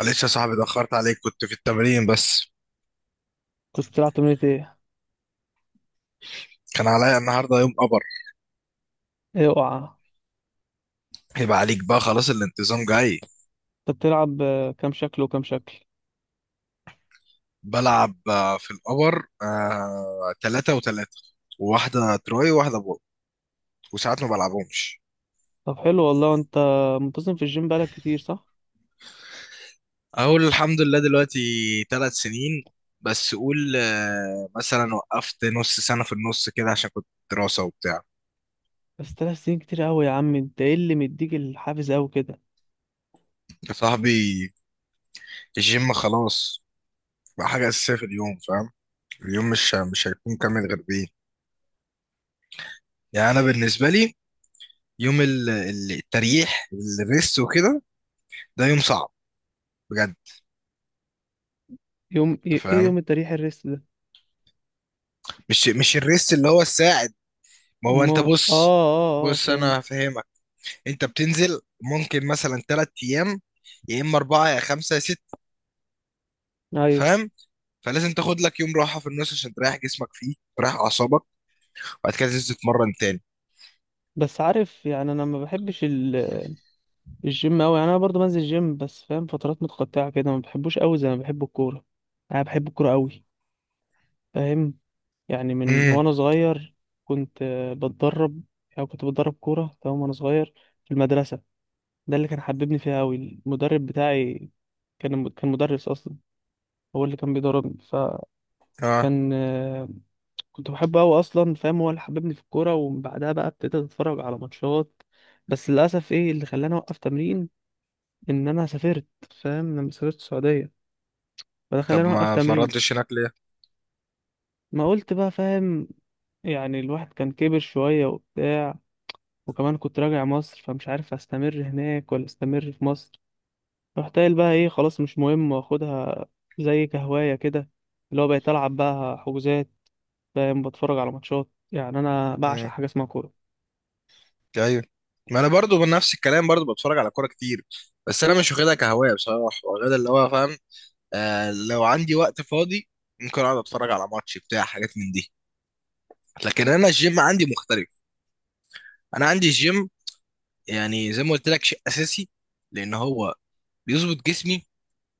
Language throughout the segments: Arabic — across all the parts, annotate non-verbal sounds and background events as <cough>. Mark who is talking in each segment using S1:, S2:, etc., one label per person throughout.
S1: معلش يا صاحبي، اتأخرت عليك، كنت في التمرين بس.
S2: كنت بتلعب تمرينة ايه؟
S1: كان عليا النهارده يوم قبر.
S2: ايه اوعى.
S1: يبقى عليك بقى خلاص، الانتظام جاي.
S2: انت بتلعب كام شكل وكام شكل؟
S1: بلعب في القبر تلاتة وتلاتة، وواحدة تراي وواحدة بولت. وساعات ما بلعبهمش.
S2: طب حلو والله. انت منتظم في الجيم بقالك كتير صح؟
S1: أقول الحمد لله دلوقتي 3 سنين. بس قول مثلا وقفت نص سنة في النص كده عشان كنت دراسة وبتاع.
S2: بس تلات سنين كتير قوي يا عم، انت ايه اللي مديك الحافز قوي كده؟
S1: يا صاحبي، الجيم خلاص بقى حاجة أساسية في اليوم، فاهم. اليوم مش هيكون كامل غير بيه. يعني أنا بالنسبة لي، يوم التريح، الريست وكده، ده يوم صعب بجد.
S2: يوم
S1: انت
S2: ايه
S1: فاهم،
S2: يوم التريح الريست ده؟
S1: مش الريست اللي هو الساعد. ما هو
S2: اما
S1: انت بص. بص
S2: فهمت.
S1: انا هفهمك. انت بتنزل ممكن مثلا 3 ايام، يا اما اربعه يا خمسه يا ست،
S2: ايوه.
S1: فاهم. فلازم تاخد لك يوم راحه في النص عشان تريح جسمك فيه، تريح اعصابك. وبعد كده تنزل تتمرن تاني.
S2: بس عارف، يعني انا ما بحبش الجيم قوي، يعني انا برضو بنزل جيم بس فاهم، فترات متقطعة كده ما بحبوش قوي زي ما بحب الكورة. يعني انا بحب الكورة قوي، فاهم؟ يعني من
S1: امم
S2: وانا صغير كنت بتدرب، او كنت بتدرب كورة تمام وانا صغير في المدرسة. ده اللي كان حببني فيها أوي، المدرب بتاعي، كان مدرس أصلا، هو اللي كان بيدربني.
S1: اه،
S2: فكان كنت بحبه أوي أصلا، فاهم؟ هو اللي حببني في الكورة، ومن بعدها بقى ابتديت أتفرج على ماتشات. بس للأسف إيه اللي خلاني أوقف تمرين؟ إن أنا سافرت، فاهم؟ لما سافرت السعودية، فده
S1: طب
S2: خلاني أوقف
S1: ما
S2: تمرين.
S1: اتمرنتش هناك ليه.
S2: ما قلت بقى، فاهم؟ يعني الواحد كان كبر شوية وبتاع، وكمان كنت راجع مصر، فمش عارف استمر هناك ولا استمر في مصر. رحت قايل بقى ايه، خلاص مش مهم، واخدها زي كهواية كده، اللي هو بقيت العب بقى حجوزات، فاهم؟ بتفرج على ماتشات، يعني انا بعشق
S1: امم
S2: حاجة اسمها كورة.
S1: ايوه، ما انا برضو بنفس الكلام، برضو بتفرج على كوره كتير. بس انا مش واخدها كهوايه بصراحه، واخدها اللي هو فاهم، آه، لو عندي وقت فاضي ممكن اقعد اتفرج على ماتش بتاع حاجات من دي. لكن انا الجيم عندي مختلف. انا عندي الجيم، يعني زي ما قلت لك، شيء اساسي، لان هو بيظبط جسمي،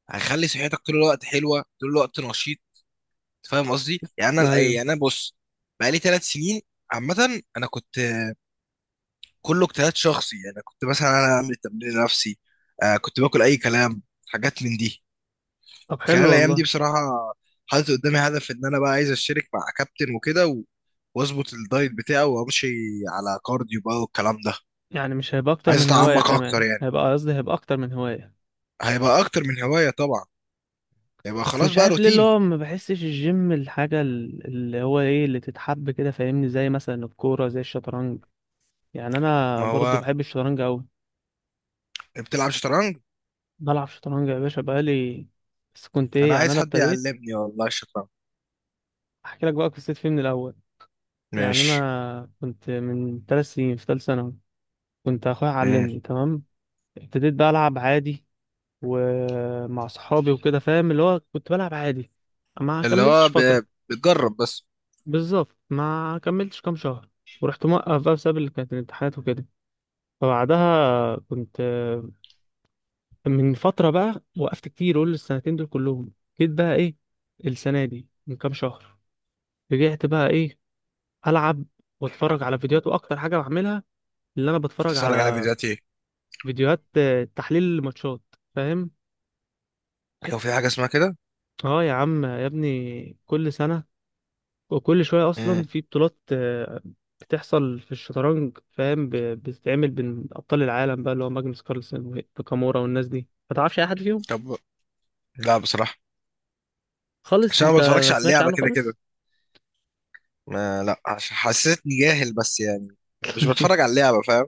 S1: هيخلي صحتك طول الوقت حلوه، طول الوقت نشيط. فاهم قصدي. يعني انا
S2: ايوه.
S1: يعني انا بص. بقالي 3 سنين. عامه انا كنت كله اجتهاد شخصي، يعني كنت مثلا انا اعمل تمرين نفسي، آه، كنت باكل اي كلام، حاجات من دي.
S2: طب
S1: كان
S2: حلو
S1: أنا الايام دي
S2: والله.
S1: بصراحه حاطط قدامي هدف ان انا بقى عايز اشترك مع كابتن وكده واظبط الدايت بتاعي، وامشي على كارديو بقى والكلام ده.
S2: يعني مش هيبقى اكتر
S1: عايز
S2: من هواية،
S1: اتعمق اكتر
S2: كمان
S1: يعني.
S2: هيبقى قصدي هيبقى اكتر من هواية.
S1: هيبقى اكتر من هوايه طبعا. هيبقى
S2: بس
S1: خلاص
S2: مش
S1: بقى
S2: عارف ليه اللي هو
S1: روتيني.
S2: ما بحسش الجيم الحاجة اللي هو ايه اللي تتحب كده، فاهمني؟ زي مثلا الكورة، زي الشطرنج. يعني انا
S1: ما
S2: برضو
S1: هو
S2: بحب الشطرنج اوي.
S1: بتلعب شطرنج.
S2: بلعب شطرنج يا باشا بقالي، بس كنت ايه،
S1: انا
S2: يعني
S1: عايز
S2: انا
S1: حد
S2: ابتديت.
S1: يعلمني والله الشطرنج.
S2: احكي لك بقى قصتي فيه من الاول. يعني
S1: ماشي.
S2: انا كنت من 3 سنين في ثالث ثانوي، كنت اخويا
S1: امم
S2: علمني تمام. ابتديت بقى العب عادي، ومع صحابي وكده، فاهم؟ اللي هو كنت بلعب عادي، ما
S1: اللي هو
S2: كملتش فترة.
S1: بتجرب بس.
S2: بالظبط، ما كملتش كام شهر ورحت موقف بقى بسبب اللي كانت الامتحانات وكده. فبعدها كنت من فترة بقى، وقفت كتير، قول السنتين دول كلهم. جيت بقى ايه، السنة دي من كام شهر رجعت بقى ايه، العب واتفرج على فيديوهات. واكتر حاجه بعملها اللي انا بتفرج
S1: تتفرج على
S2: على
S1: فيديوهات ايه؟
S2: فيديوهات تحليل الماتشات، فاهم؟
S1: لو في حاجه اسمها كده.
S2: اه يا عم يا ابني، كل سنه وكل شويه اصلا
S1: امم
S2: في بطولات بتحصل في الشطرنج، فاهم؟ بتتعمل بين ابطال العالم بقى، اللي هو ماجنوس كارلسن وكامورا والناس دي، ما تعرفش اي حد فيهم
S1: طب، لا بصراحه
S2: خالص
S1: عشان أنا
S2: انت؟
S1: ما
S2: ما
S1: بتفرجش على
S2: سمعتش
S1: اللعبه
S2: عنه
S1: كده كده.
S2: خالص.
S1: ما لا حسيتني جاهل بس يعني، مش بتفرج على اللعبة فاهم.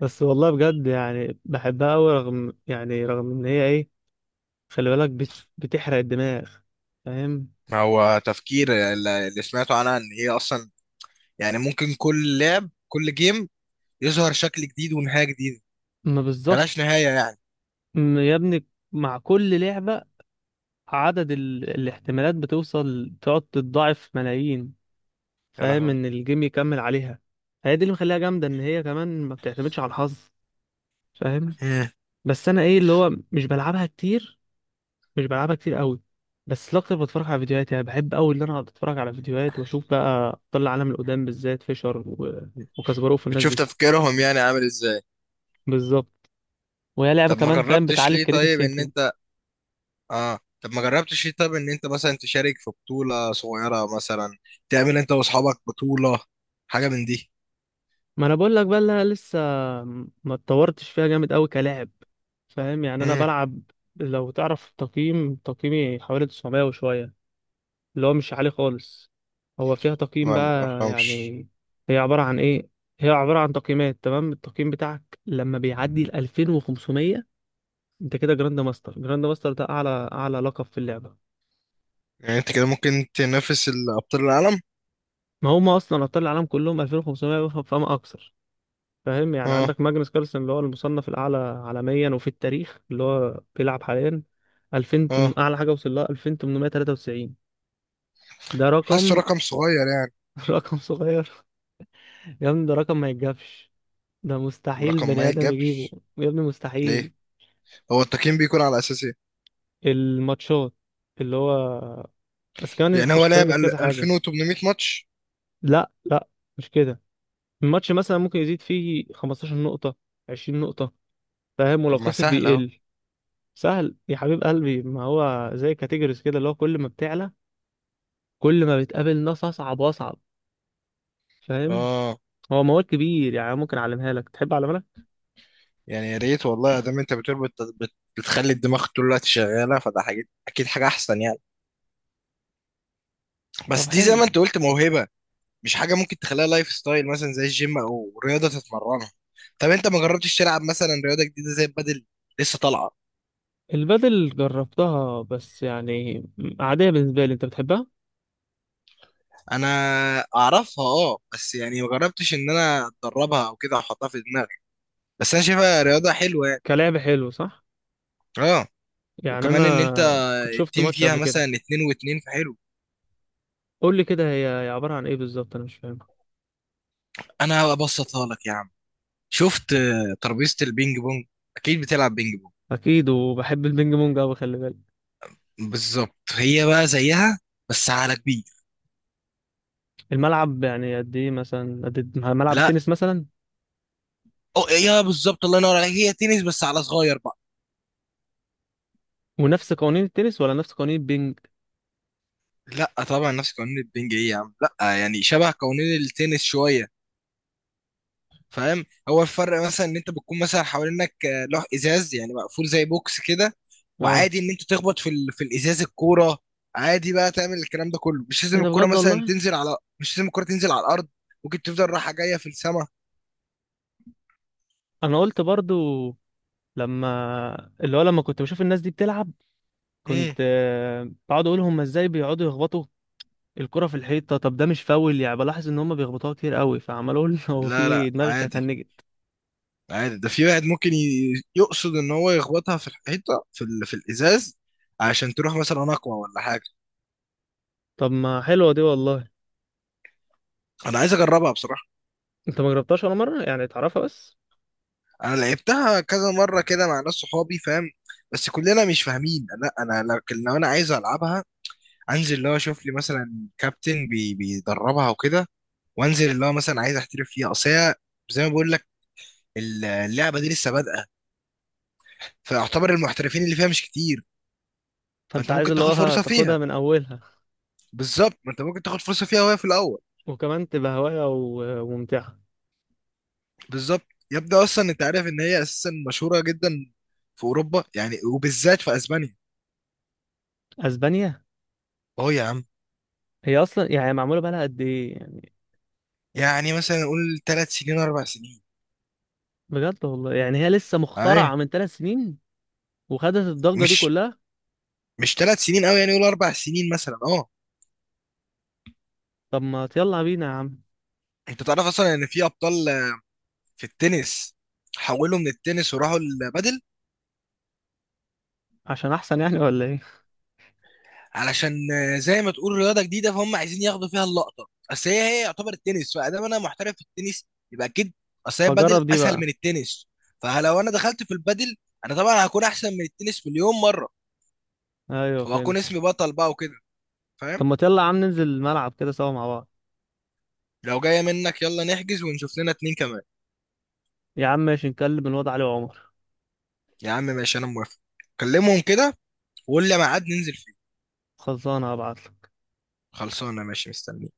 S2: بس والله بجد، يعني بحبها قوي، رغم يعني رغم ان هي ايه، خلي بالك، بتحرق الدماغ، فاهم؟
S1: هو تفكير اللي سمعته عنها ان هي اصلا، يعني ممكن كل لعب، كل جيم، يظهر شكل جديد ونهاية جديدة.
S2: ما بالظبط،
S1: ملهاش نهاية يعني.
S2: يا ابني، مع كل لعبة عدد الاحتمالات بتوصل تقعد تتضاعف ملايين،
S1: يا
S2: فاهم؟
S1: لهوي.
S2: ان الجيم يكمل عليها. هي دي اللي مخليها جامدة، ان هي كمان ما بتعتمدش على الحظ، فاهم؟
S1: مم.
S2: بس انا ايه اللي هو مش بلعبها كتير، مش بلعبها كتير قوي. بس الاكتر بتفرج على فيديوهات، يعني بحب قوي ان انا اقعد اتفرج على فيديوهات واشوف بقى طلع عالم القدام، بالذات فيشر وكاسباروف والناس
S1: بتشوف
S2: دي.
S1: تفكيرهم يعني عامل ازاي.
S2: بالظبط. وهي لعبة
S1: طب ما
S2: كمان فاهم
S1: جربتش
S2: بتعلي
S1: ليه
S2: الكريتيف
S1: طيب ان
S2: ثينكينج.
S1: انت، اه طب ما جربتش ليه طيب ان انت مثلا تشارك في بطولة صغيرة، مثلا تعمل انت واصحابك بطولة، حاجة من دي.
S2: ما انا بقول لك بقى، اللي انا لسه ما اتطورتش فيها جامد قوي كلاعب، فاهم؟ يعني انا
S1: امم
S2: بلعب، لو تعرف تقييم، تقييمي حوالي 900 وشويه، اللي هو مش عالي خالص. هو فيها تقييم
S1: لا، ما
S2: بقى
S1: افهمش.
S2: يعني. هي عباره عن ايه؟ هي عباره عن تقييمات. تمام، التقييم بتاعك لما بيعدي ال 2500، انت كده جراند ماستر. جراند ماستر ده اعلى لقب في اللعبه.
S1: يعني انت كده ممكن تنافس الابطال العالم.
S2: ما هم اصلا ابطال العالم كلهم 2500 فما اكثر، فاهم؟ يعني
S1: اه.
S2: عندك ماجنس كارلسن، اللي هو المصنف الأعلى عالميا وفي التاريخ، اللي هو بيلعب حاليا
S1: اه،
S2: أعلى حاجة وصل لها 2893. ده
S1: حاسه
S2: رقم.
S1: رقم صغير يعني.
S2: <laughs> رقم صغير؟ يا ابني ده رقم ما يتجابش، ده مستحيل
S1: رقم
S2: بني
S1: ما
S2: آدم يجيبه،
S1: يتجابش.
S2: يا ابني
S1: ليه؟
S2: مستحيل.
S1: هو التقييم بيكون على اساس ايه؟
S2: الماتشات، اللي هو بس كمان
S1: يعني هو
S2: الشطرنج
S1: لعب
S2: في كذا حاجة.
S1: 2800 ماتش؟
S2: لا لا، مش كده. الماتش مثلا ممكن يزيد فيه 15 نقطة، 20 نقطة، فاهم؟ ولو
S1: طب ما
S2: خسر
S1: سهل اهو.
S2: بيقل. سهل يا حبيب قلبي، ما هو زي كاتيجوريز كده، اللي هو كل ما بتعلى كل ما بتقابل ناس اصعب واصعب، فاهم؟
S1: اه،
S2: هو مواد كبير، يعني ممكن اعلمها لك، تحب اعلمها لك؟
S1: يعني يا ريت والله، ادام انت بتقول بت... بتخلي الدماغ طول الوقت شغاله، فده حاجه اكيد حاجه احسن يعني.
S2: طب
S1: بس دي زي
S2: حلو.
S1: ما انت قلت موهبه، مش حاجه ممكن تخليها لايف ستايل مثلا زي الجيم او رياضه تتمرنها. طب انت ما جربتش تلعب مثلا رياضه جديده زي البادل؟ لسه طالعه.
S2: البدل جربتها بس يعني عادية بالنسبة لي، انت بتحبها؟
S1: انا اعرفها اه، بس يعني ما جربتش ان انا اتدربها او كده احطها في دماغي. بس انا شايفها رياضه حلوه يعني.
S2: كلعب حلو، صح؟
S1: اه.
S2: يعني
S1: وكمان ان انت،
S2: انا كنت شفت
S1: التيم
S2: ماتش
S1: فيها
S2: قبل
S1: مثلا
S2: كده.
S1: اتنين واتنين، فحلو.
S2: قول لي كده، هي هي عبارة عن ايه بالظبط، انا مش فاهمها.
S1: انا هبسطها لك يا عم. شفت ترابيزه البينج بونج، اكيد بتلعب بينج بونج.
S2: اكيد، وبحب البينج بونج قوي، خلي بالك.
S1: بالظبط، هي بقى زيها بس على كبير.
S2: الملعب يعني قد ايه، مثلا قد ملعب
S1: لا،
S2: التنس مثلا؟
S1: أو يا بالظبط، الله ينور عليك، هي تنس بس على صغير بقى.
S2: ونفس قوانين التنس ولا نفس قوانين البينج؟
S1: لا طبعا، نفس قوانين البينج ايه يا عم، لا يعني شبه قوانين التنس شويه، فاهم. هو الفرق مثلا ان انت بتكون مثلا حوالينك لوح ازاز، يعني مقفول زي بوكس كده.
S2: اه.
S1: وعادي ان انت تخبط في في الازاز الكوره، عادي بقى، تعمل الكلام ده كله. مش
S2: ايه
S1: لازم
S2: ده،
S1: الكوره
S2: بجد
S1: مثلا
S2: والله.
S1: تنزل على، مش لازم الكوره تنزل على الارض، ممكن تفضل رايحه جايه في السماء.
S2: انا قلت برضو لما، اللي هو لما كنت بشوف الناس دي بتلعب،
S1: امم
S2: كنت بقعد اقول هم ازاي بيقعدوا يخبطوا الكرة في الحيطة، طب ده مش فاول يعني؟ بلاحظ ان هم بيخبطوها كتير قوي، فعمال اقول، <laughs> هو في
S1: لا
S2: ايه،
S1: لا،
S2: دماغك
S1: عادي.
S2: هتنجت.
S1: عادي، ده في واحد ممكن يقصد ان هو يخبطها في الحيطه في في الازاز، عشان تروح مثلا اقوى ولا حاجه.
S2: طب ما حلوة دي والله.
S1: انا عايز اجربها بصراحه.
S2: انت ما جربتهاش ولا مرة، يعني تعرفها بس؟
S1: انا لعبتها كذا مره كده مع ناس صحابي فاهم، بس كلنا مش فاهمين. لا انا، لكن لو انا عايز العبها، انزل اللي هو اشوف لي مثلا كابتن بي بيدربها وكده، وانزل اللي هو مثلا عايز احترف فيها. اصل هي، زي ما بقول لك، اللعبه دي لسه بادئه، فاعتبر المحترفين اللي فيها مش كتير،
S2: فانت
S1: فانت
S2: عايز
S1: ممكن
S2: اللي
S1: تاخد
S2: هو
S1: فرصه
S2: تاخدها
S1: فيها.
S2: من اولها،
S1: بالظبط، ما انت ممكن تاخد فرصه فيها وهي في الاول.
S2: وكمان تبقى هواية وممتعة.
S1: بالظبط، يبدا اصلا انت عارف ان هي اساسا مشهوره جدا في اوروبا، يعني وبالذات في اسبانيا.
S2: اسبانيا.
S1: اهو يا عم.
S2: هي اصلا يعني معمولة بقالها قد ايه يعني؟
S1: يعني مثلا نقول 3 سنين 4 سنين.
S2: بجد والله، يعني هي لسه
S1: اي.
S2: مخترعة من 3 سنين وخدت الضجة دي
S1: مش
S2: كلها؟
S1: 3 سنين قوي يعني، يقول 4 سنين مثلا، اه.
S2: طب ما يلا بينا يا عم.
S1: انت تعرف اصلا ان في ابطال في التنس، حولوا من التنس وراحوا البادل.
S2: عشان احسن يعني ولا ايه؟ <laughs>
S1: علشان زي ما تقول رياضه جديده، فهم عايزين ياخدوا فيها اللقطه، اصل هي، هي يعتبر التنس، فادام انا محترف في التنس يبقى اكيد، اصل هي البادل
S2: فجرب دي
S1: اسهل
S2: بقى.
S1: من التنس، فلو انا دخلت في البادل، انا طبعا هكون احسن من التنس مليون مره،
S2: ايوه،
S1: وهكون
S2: فهمت.
S1: اسمي بطل بقى وكده، فاهم.
S2: طب ما يلا يا عم، ننزل الملعب كده سوا مع بعض.
S1: لو جايه منك، يلا نحجز ونشوف لنا اتنين كمان.
S2: يا عم ماشي، نكلم الواد علي وعمر.
S1: يا عم ماشي، انا موافق. كلمهم كده، وقول لي ميعاد ننزل.
S2: خلصانه هبعت.
S1: خلصانه، ماشي، مستني.